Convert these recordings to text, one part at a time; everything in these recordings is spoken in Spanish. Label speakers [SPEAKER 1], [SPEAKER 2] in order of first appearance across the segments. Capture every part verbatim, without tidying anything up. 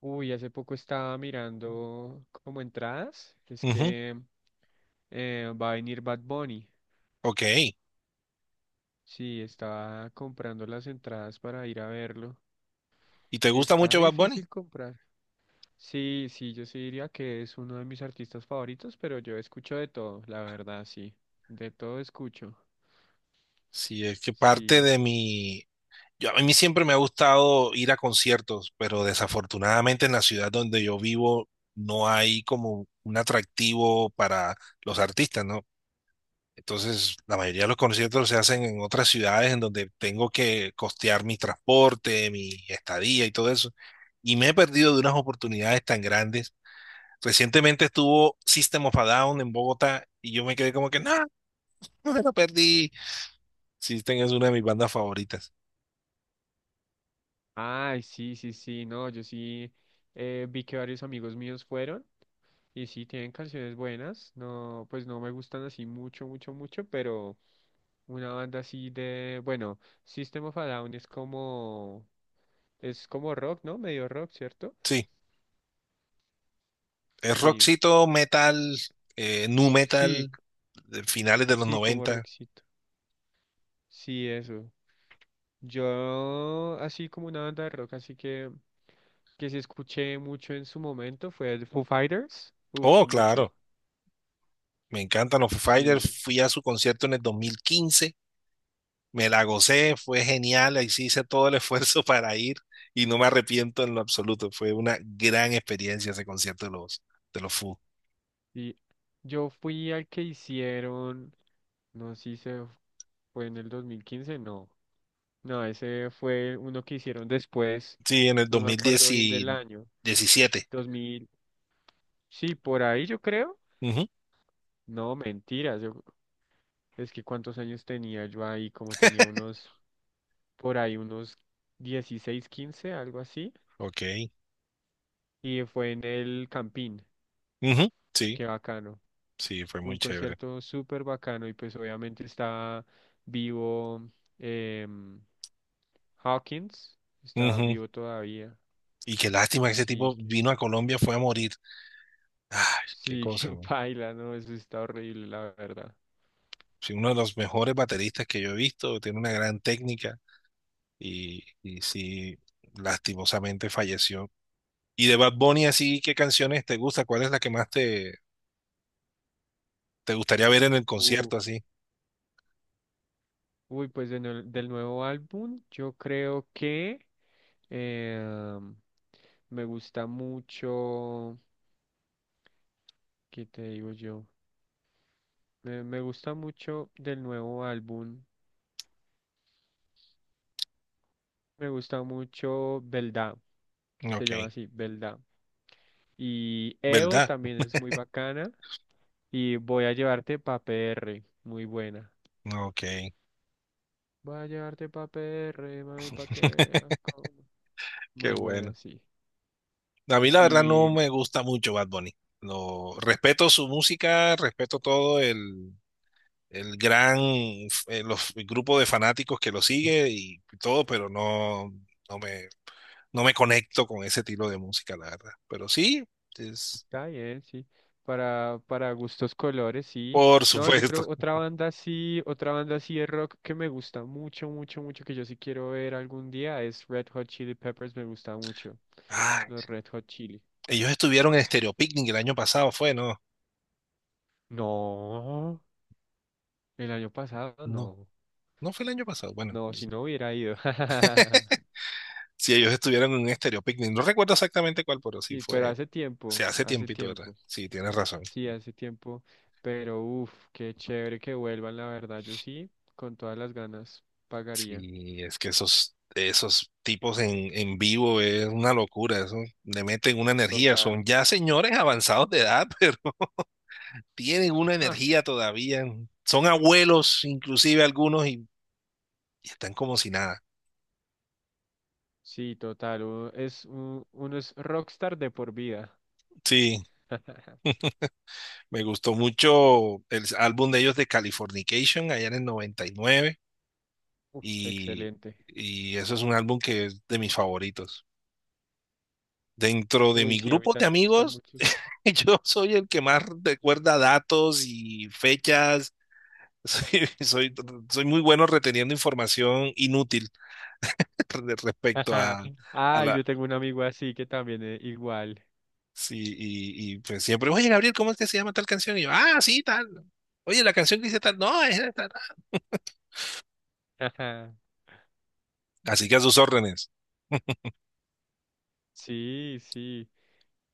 [SPEAKER 1] Uy, hace poco estaba mirando como entradas, que es
[SPEAKER 2] Ujú,
[SPEAKER 1] que eh, va a venir Bad Bunny.
[SPEAKER 2] Ok.
[SPEAKER 1] Sí, estaba comprando las entradas para ir a verlo
[SPEAKER 2] ¿Y te
[SPEAKER 1] y
[SPEAKER 2] gusta
[SPEAKER 1] está
[SPEAKER 2] mucho Bad Bunny?
[SPEAKER 1] difícil comprar. Sí, sí, yo sí diría que es uno de mis artistas favoritos, pero yo escucho de todo, la verdad, sí. De todo escucho.
[SPEAKER 2] Sí, es que parte
[SPEAKER 1] Sí.
[SPEAKER 2] de mi. Yo, a mí siempre me ha gustado ir a conciertos, pero desafortunadamente en la ciudad donde yo vivo no hay como un atractivo para los artistas, ¿no? Entonces, la mayoría de los conciertos se hacen en otras ciudades en donde tengo que costear mi transporte, mi estadía y todo eso. Y me he perdido de unas oportunidades tan grandes. Recientemente estuvo System of a Down en Bogotá y yo me quedé como que no. Lo perdí. Sí, tengas una de mis bandas favoritas.
[SPEAKER 1] Ay, sí, sí, sí, no, yo sí eh, vi que varios amigos míos fueron. Y sí, tienen canciones buenas, no, pues no me gustan así mucho, mucho, mucho, pero una banda así de, bueno, System of a Down es como, es como rock, ¿no? Medio rock, ¿cierto?
[SPEAKER 2] Sí, es
[SPEAKER 1] Sí,
[SPEAKER 2] rockcito, metal, eh, nu
[SPEAKER 1] sí,
[SPEAKER 2] metal, de finales de los
[SPEAKER 1] sí, como
[SPEAKER 2] noventa.
[SPEAKER 1] rockcito. Sí, eso. Yo, así como una banda de rock, así que, que sí escuché mucho en su momento, fue el Foo Fighters. Uf,
[SPEAKER 2] Oh,
[SPEAKER 1] mucho.
[SPEAKER 2] claro, me encantan los Foo
[SPEAKER 1] Sí.
[SPEAKER 2] Fighters. Fui a su concierto en el dos mil quince. Me la gocé, fue genial. Ahí sí hice todo el esfuerzo para ir y no me arrepiento en lo absoluto. Fue una gran experiencia ese concierto de los, de los Foo.
[SPEAKER 1] Y yo fui al que hicieron, no sé si se fue en el dos mil quince, no. No, ese fue uno que hicieron después,
[SPEAKER 2] Sí, en el
[SPEAKER 1] no
[SPEAKER 2] dos
[SPEAKER 1] me
[SPEAKER 2] mil
[SPEAKER 1] acuerdo bien del año.
[SPEAKER 2] diecisiete.
[SPEAKER 1] Dos mil, sí, por ahí yo creo.
[SPEAKER 2] Ujú,
[SPEAKER 1] No, mentiras, yo, es que cuántos años tenía yo ahí, como tenía unos, por ahí unos dieciséis quince, algo así.
[SPEAKER 2] Ok.
[SPEAKER 1] Y fue en el Campín,
[SPEAKER 2] Ujú, Sí,
[SPEAKER 1] qué bacano.
[SPEAKER 2] sí, fue muy
[SPEAKER 1] Un
[SPEAKER 2] chévere.
[SPEAKER 1] concierto súper bacano y pues obviamente está vivo em, Hawkins, está
[SPEAKER 2] Ujú.
[SPEAKER 1] vivo todavía.
[SPEAKER 2] Y qué lástima que ese tipo
[SPEAKER 1] Sí, que,
[SPEAKER 2] vino a Colombia, fue a morir. Ay, qué
[SPEAKER 1] sí,
[SPEAKER 2] cosa,
[SPEAKER 1] que
[SPEAKER 2] man.
[SPEAKER 1] baila, ¿no? Eso está horrible, la verdad.
[SPEAKER 2] Sí, uno de los mejores bateristas que yo he visto, tiene una gran técnica y, y sí, lastimosamente falleció. Y de Bad Bunny, así, ¿qué canciones te gusta? ¿Cuál es la que más te, te gustaría ver en el
[SPEAKER 1] Uh,
[SPEAKER 2] concierto, así?
[SPEAKER 1] uy, pues de nue- del nuevo álbum, yo creo que em, me gusta mucho, ¿qué te digo yo? Me, me gusta mucho del nuevo álbum, me gusta mucho Belda. Se
[SPEAKER 2] Ok,
[SPEAKER 1] llama así, Belda. Y E O
[SPEAKER 2] ¿verdad?
[SPEAKER 1] también es muy bacana. Y voy a llevarte pa' P R muy buena.
[SPEAKER 2] Ok,
[SPEAKER 1] Voy a llevarte pa' P R, mami, pa' que veas cómo.
[SPEAKER 2] qué
[SPEAKER 1] Muy
[SPEAKER 2] bueno.
[SPEAKER 1] buena, sí.
[SPEAKER 2] A mí la verdad no
[SPEAKER 1] Y
[SPEAKER 2] me gusta mucho Bad Bunny. Lo, respeto su música, respeto todo el, el gran eh, los, el grupo de fanáticos que lo sigue y todo, pero no, no me, no me conecto con ese estilo de música, la verdad. Pero sí, es,
[SPEAKER 1] está bien, sí. Para, para gustos colores, sí.
[SPEAKER 2] por
[SPEAKER 1] No, yo
[SPEAKER 2] supuesto.
[SPEAKER 1] creo otra banda sí, otra banda sí de rock que me gusta mucho, mucho, mucho, que yo sí quiero ver algún día es Red Hot Chili Peppers, me gusta mucho.
[SPEAKER 2] Ay,
[SPEAKER 1] Los Red Hot Chili.
[SPEAKER 2] ellos estuvieron en Stereo Picnic el año pasado, fue, no,
[SPEAKER 1] No, el año pasado
[SPEAKER 2] no,
[SPEAKER 1] no.
[SPEAKER 2] no fue el año pasado. Bueno,
[SPEAKER 1] No, si no hubiera ido.
[SPEAKER 2] si ellos estuvieron en un Stereo Picnic, no recuerdo exactamente cuál, pero sí
[SPEAKER 1] Sí, pero
[SPEAKER 2] fue,
[SPEAKER 1] hace
[SPEAKER 2] se
[SPEAKER 1] tiempo,
[SPEAKER 2] hace
[SPEAKER 1] hace
[SPEAKER 2] tiempito, ¿verdad?
[SPEAKER 1] tiempo.
[SPEAKER 2] Sí, tienes razón.
[SPEAKER 1] Sí, hace tiempo. Pero uff, qué chévere que vuelvan, la verdad. Yo sí, con todas las ganas, pagaría.
[SPEAKER 2] Sí, es que esos, esos tipos en, en vivo es una locura, eso le meten una energía, son
[SPEAKER 1] Total.
[SPEAKER 2] ya señores avanzados de edad, pero tienen una
[SPEAKER 1] Ah,
[SPEAKER 2] energía todavía, son abuelos inclusive algunos y, y están como si nada.
[SPEAKER 1] sí, total. Uno es, un- uno es rockstar de por vida.
[SPEAKER 2] Sí, me gustó mucho el álbum de ellos de Californication allá en el noventa y nueve
[SPEAKER 1] Uf,
[SPEAKER 2] y, nueve
[SPEAKER 1] excelente.
[SPEAKER 2] y y eso es un álbum que es de mis favoritos. Dentro de
[SPEAKER 1] Uy,
[SPEAKER 2] mi
[SPEAKER 1] sí, a mí
[SPEAKER 2] grupo de
[SPEAKER 1] también me gustan
[SPEAKER 2] amigos,
[SPEAKER 1] muchos.
[SPEAKER 2] yo soy el que más recuerda datos y fechas. Soy, soy, soy muy bueno reteniendo información inútil de respecto a, a
[SPEAKER 1] Ay,
[SPEAKER 2] la.
[SPEAKER 1] yo tengo un amigo así que también es igual.
[SPEAKER 2] Sí, y, y, pues siempre, oye, Gabriel, ¿cómo es que se llama tal canción? Y yo, ah, sí, tal. Oye, la canción que dice tal, no, es tal. Tal. Así que a sus órdenes.
[SPEAKER 1] Sí, sí.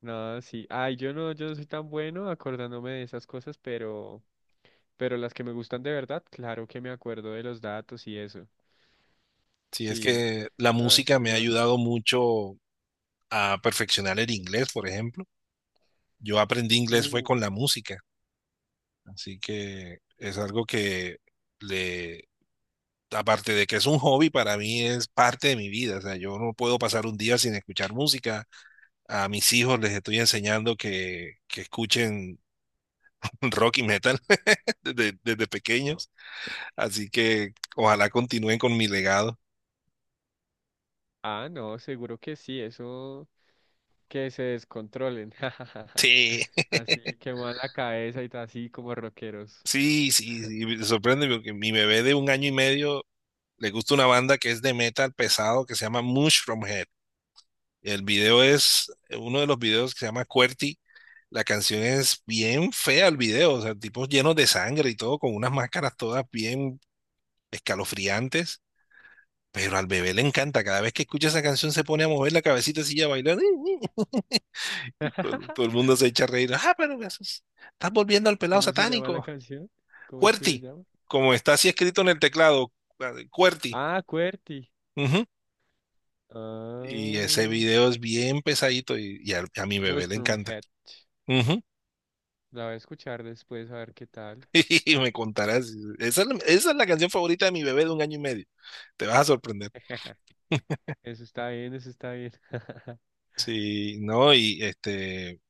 [SPEAKER 1] No, sí. Ay, yo no, yo no soy tan bueno acordándome de esas cosas, pero, pero las que me gustan de verdad, claro que me acuerdo de los datos y eso.
[SPEAKER 2] Sí, es
[SPEAKER 1] Sí.
[SPEAKER 2] que la
[SPEAKER 1] No, es
[SPEAKER 2] música
[SPEAKER 1] que
[SPEAKER 2] me ha
[SPEAKER 1] los...
[SPEAKER 2] ayudado mucho a perfeccionar el inglés, por ejemplo. Yo aprendí inglés fue
[SPEAKER 1] Uy.
[SPEAKER 2] con la música, así que es algo que le, aparte de que es un hobby, para mí es parte de mi vida. O sea, yo no puedo pasar un día sin escuchar música. A mis hijos les estoy enseñando que, que escuchen rock y metal desde, desde pequeños, así que ojalá continúen con mi legado.
[SPEAKER 1] Ah, no, seguro que sí, eso que se descontrolen.
[SPEAKER 2] Sí,
[SPEAKER 1] Así que van la cabeza y ta- así como rockeros.
[SPEAKER 2] sí, sí, sí, me sorprende porque mi bebé de un año y medio le gusta una banda que es de metal pesado que se llama Mushroomhead. El video es uno de los videos que se llama QWERTY. La canción es bien fea el video, o sea, tipos llenos de sangre y todo, con unas máscaras todas bien escalofriantes. Pero al bebé le encanta, cada vez que escucha esa canción se pone a mover la cabecita así y a bailar. Y todo, el- todo el mundo se echa a reír. Ah, pero me asus- estás volviendo al pelado
[SPEAKER 1] ¿Cómo se llama la
[SPEAKER 2] satánico.
[SPEAKER 1] canción? ¿Cómo es que se
[SPEAKER 2] QWERTY,
[SPEAKER 1] llama?
[SPEAKER 2] como está así escrito en el teclado, QWERTY.
[SPEAKER 1] Ah, QWERTY.
[SPEAKER 2] Ujú. Y ese
[SPEAKER 1] Ah,
[SPEAKER 2] video es bien pesadito y, y al- a, mi bebé le
[SPEAKER 1] Mushroom
[SPEAKER 2] encanta.
[SPEAKER 1] Head.
[SPEAKER 2] Ujú.
[SPEAKER 1] La voy a escuchar después a ver qué tal.
[SPEAKER 2] Y me contarás. Esa es, la- esa es la canción favorita de mi bebé de un año y medio. Te vas a sorprender.
[SPEAKER 1] Eso está bien, eso está bien.
[SPEAKER 2] Sí, no, y este,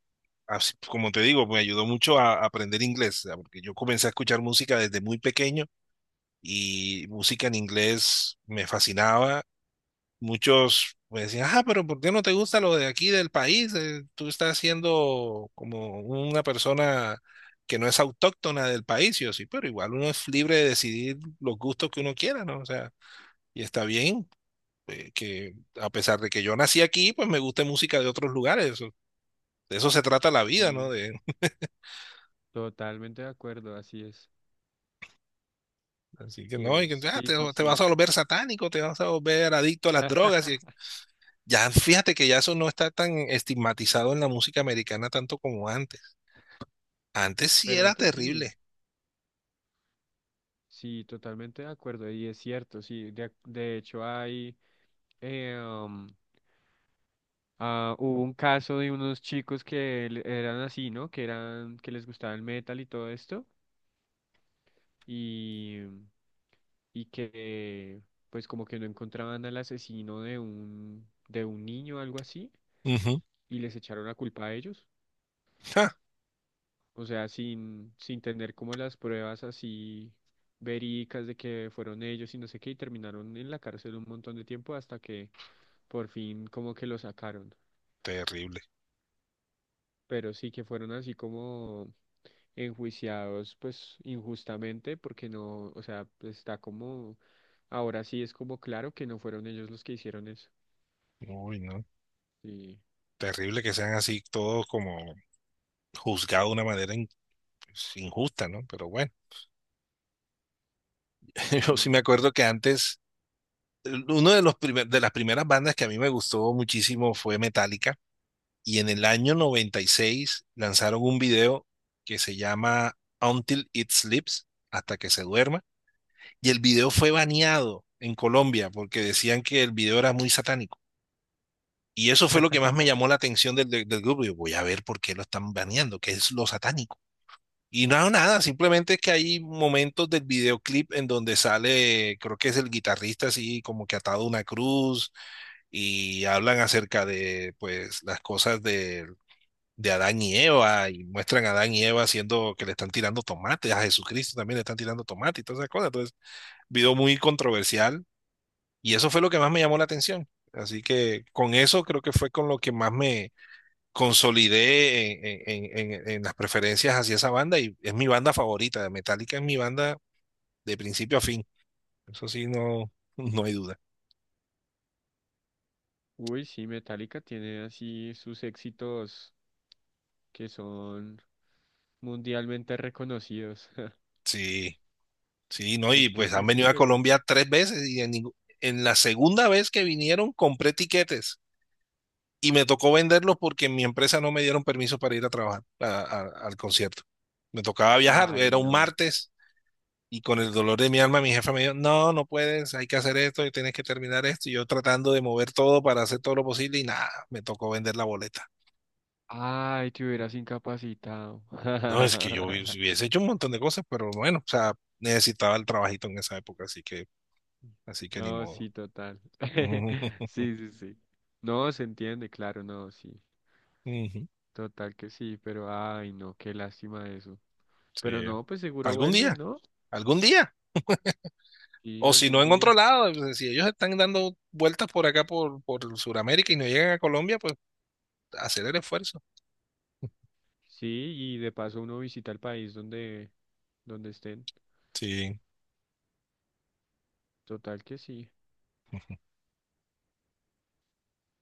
[SPEAKER 2] así, pues, como te digo, me ayudó mucho a, a aprender inglés, ¿sabes? Porque yo comencé a escuchar música desde muy pequeño y música en inglés me fascinaba. Muchos me decían, ah, pero ¿por qué no te gusta lo de aquí del país? Eh, Tú estás siendo como una persona que no es autóctona del país. Y yo sí, pero igual uno es libre de decidir los gustos que uno quiera, ¿no? O sea, y está bien. Eh, que a pesar de que yo nací aquí, pues me gusta música de otros lugares. eso- De eso se trata la vida, ¿no?
[SPEAKER 1] Y totalmente de acuerdo, así es.
[SPEAKER 2] Así que
[SPEAKER 1] Sí
[SPEAKER 2] no, y
[SPEAKER 1] es,
[SPEAKER 2] que, ah,
[SPEAKER 1] sí,
[SPEAKER 2] te,
[SPEAKER 1] sí,
[SPEAKER 2] te vas
[SPEAKER 1] sí.
[SPEAKER 2] a volver satánico, te vas a volver adicto a las drogas. Y ya fíjate que ya eso no está tan estigmatizado en la música americana tanto como antes. Antes sí
[SPEAKER 1] Pero
[SPEAKER 2] era
[SPEAKER 1] antes sí,
[SPEAKER 2] terrible.
[SPEAKER 1] sí, totalmente de acuerdo. Y es cierto, sí. De, de hecho, hay, eh, um, ah, hubo un caso de unos chicos que le- eran así, ¿no? Que eran, que les gustaba el metal y todo esto. Y, y que, pues, como que no encontraban al asesino de un, de un niño, algo así.
[SPEAKER 2] Ujú.
[SPEAKER 1] Y les echaron la culpa a ellos.
[SPEAKER 2] Ja,
[SPEAKER 1] O sea, sin, sin tener como las pruebas así verídicas de que fueron ellos y no sé qué, y terminaron en la cárcel un montón de tiempo hasta que por fin como que lo sacaron.
[SPEAKER 2] terrible.
[SPEAKER 1] Pero sí que fueron así como enjuiciados pues injustamente porque no, o sea, pues, está como, ahora sí es como claro que no fueron ellos los que hicieron eso.
[SPEAKER 2] Uy, no.
[SPEAKER 1] Sí,
[SPEAKER 2] Terrible que sean así todos como juzgados de una manera in- pues, injusta, ¿no? Pero bueno, yo sí me
[SPEAKER 1] sí.
[SPEAKER 2] acuerdo que antes, eh, uno de los primer- de las primeras bandas que a mí me gustó muchísimo fue Metallica. Y en el año noventa y seis lanzaron un video que se llama Until It Sleeps, hasta que se duerma. Y el video fue baneado en Colombia porque decían que el video era muy satánico. Y eso fue lo que más me llamó la atención del, del, del grupo. Yo voy a ver por qué lo están baneando, qué es lo satánico. Y no, nada, simplemente es que hay momentos del videoclip en donde sale, creo que es el guitarrista así como que atado a una cruz y hablan acerca de pues las cosas de de Adán y Eva y muestran a Adán y Eva haciendo que le están tirando tomates, a Jesucristo también le están tirando tomate y todas esas cosas. Entonces, video muy controversial y eso fue lo que más me llamó la atención. Así que con eso creo que fue con lo que más me consolidé en, en- en- en las preferencias hacia esa banda y es mi banda favorita. Metallica es mi banda de principio a fin. Eso sí, no, no hay duda.
[SPEAKER 1] Uy, sí, Metallica tiene así sus éxitos que son mundialmente reconocidos.
[SPEAKER 2] Sí, sí, no, y
[SPEAKER 1] Es que
[SPEAKER 2] pues
[SPEAKER 1] sí
[SPEAKER 2] han
[SPEAKER 1] es
[SPEAKER 2] venido a
[SPEAKER 1] excelente.
[SPEAKER 2] Colombia tres veces y en, ningú- en la segunda vez que vinieron compré tiquetes. Y me tocó venderlos porque en mi empresa no me dieron permiso para ir a trabajar a- a- al concierto. Me tocaba viajar, era
[SPEAKER 1] Ay,
[SPEAKER 2] un
[SPEAKER 1] no.
[SPEAKER 2] martes y con el dolor de mi alma mi jefe me dijo, no, no puedes, hay que hacer esto y tienes que terminar esto. Y yo tratando de mover todo para hacer todo lo posible y nada, me tocó vender la boleta.
[SPEAKER 1] Ay, te hubieras incapacitado.
[SPEAKER 2] No, es que yo hubies- hubiese hecho un montón de cosas, pero bueno, o sea, necesitaba el trabajito en esa época, así que, así que ni
[SPEAKER 1] No,
[SPEAKER 2] modo.
[SPEAKER 1] sí, total. Sí, sí, sí. No, se entiende, claro, no, sí.
[SPEAKER 2] Ujú,
[SPEAKER 1] Total que sí, pero ay, no, qué lástima eso.
[SPEAKER 2] Sí.
[SPEAKER 1] Pero no, pues seguro
[SPEAKER 2] Algún
[SPEAKER 1] vuelve,
[SPEAKER 2] día,
[SPEAKER 1] ¿no?
[SPEAKER 2] algún día.
[SPEAKER 1] Sí,
[SPEAKER 2] O si
[SPEAKER 1] algún
[SPEAKER 2] no en otro
[SPEAKER 1] día.
[SPEAKER 2] lado, pues, si ellos están dando vueltas por acá, por, por Sudamérica y no llegan a Colombia, pues hacer el esfuerzo.
[SPEAKER 1] Sí, y de paso uno visita el país donde, donde estén.
[SPEAKER 2] Sí.
[SPEAKER 1] Total que sí.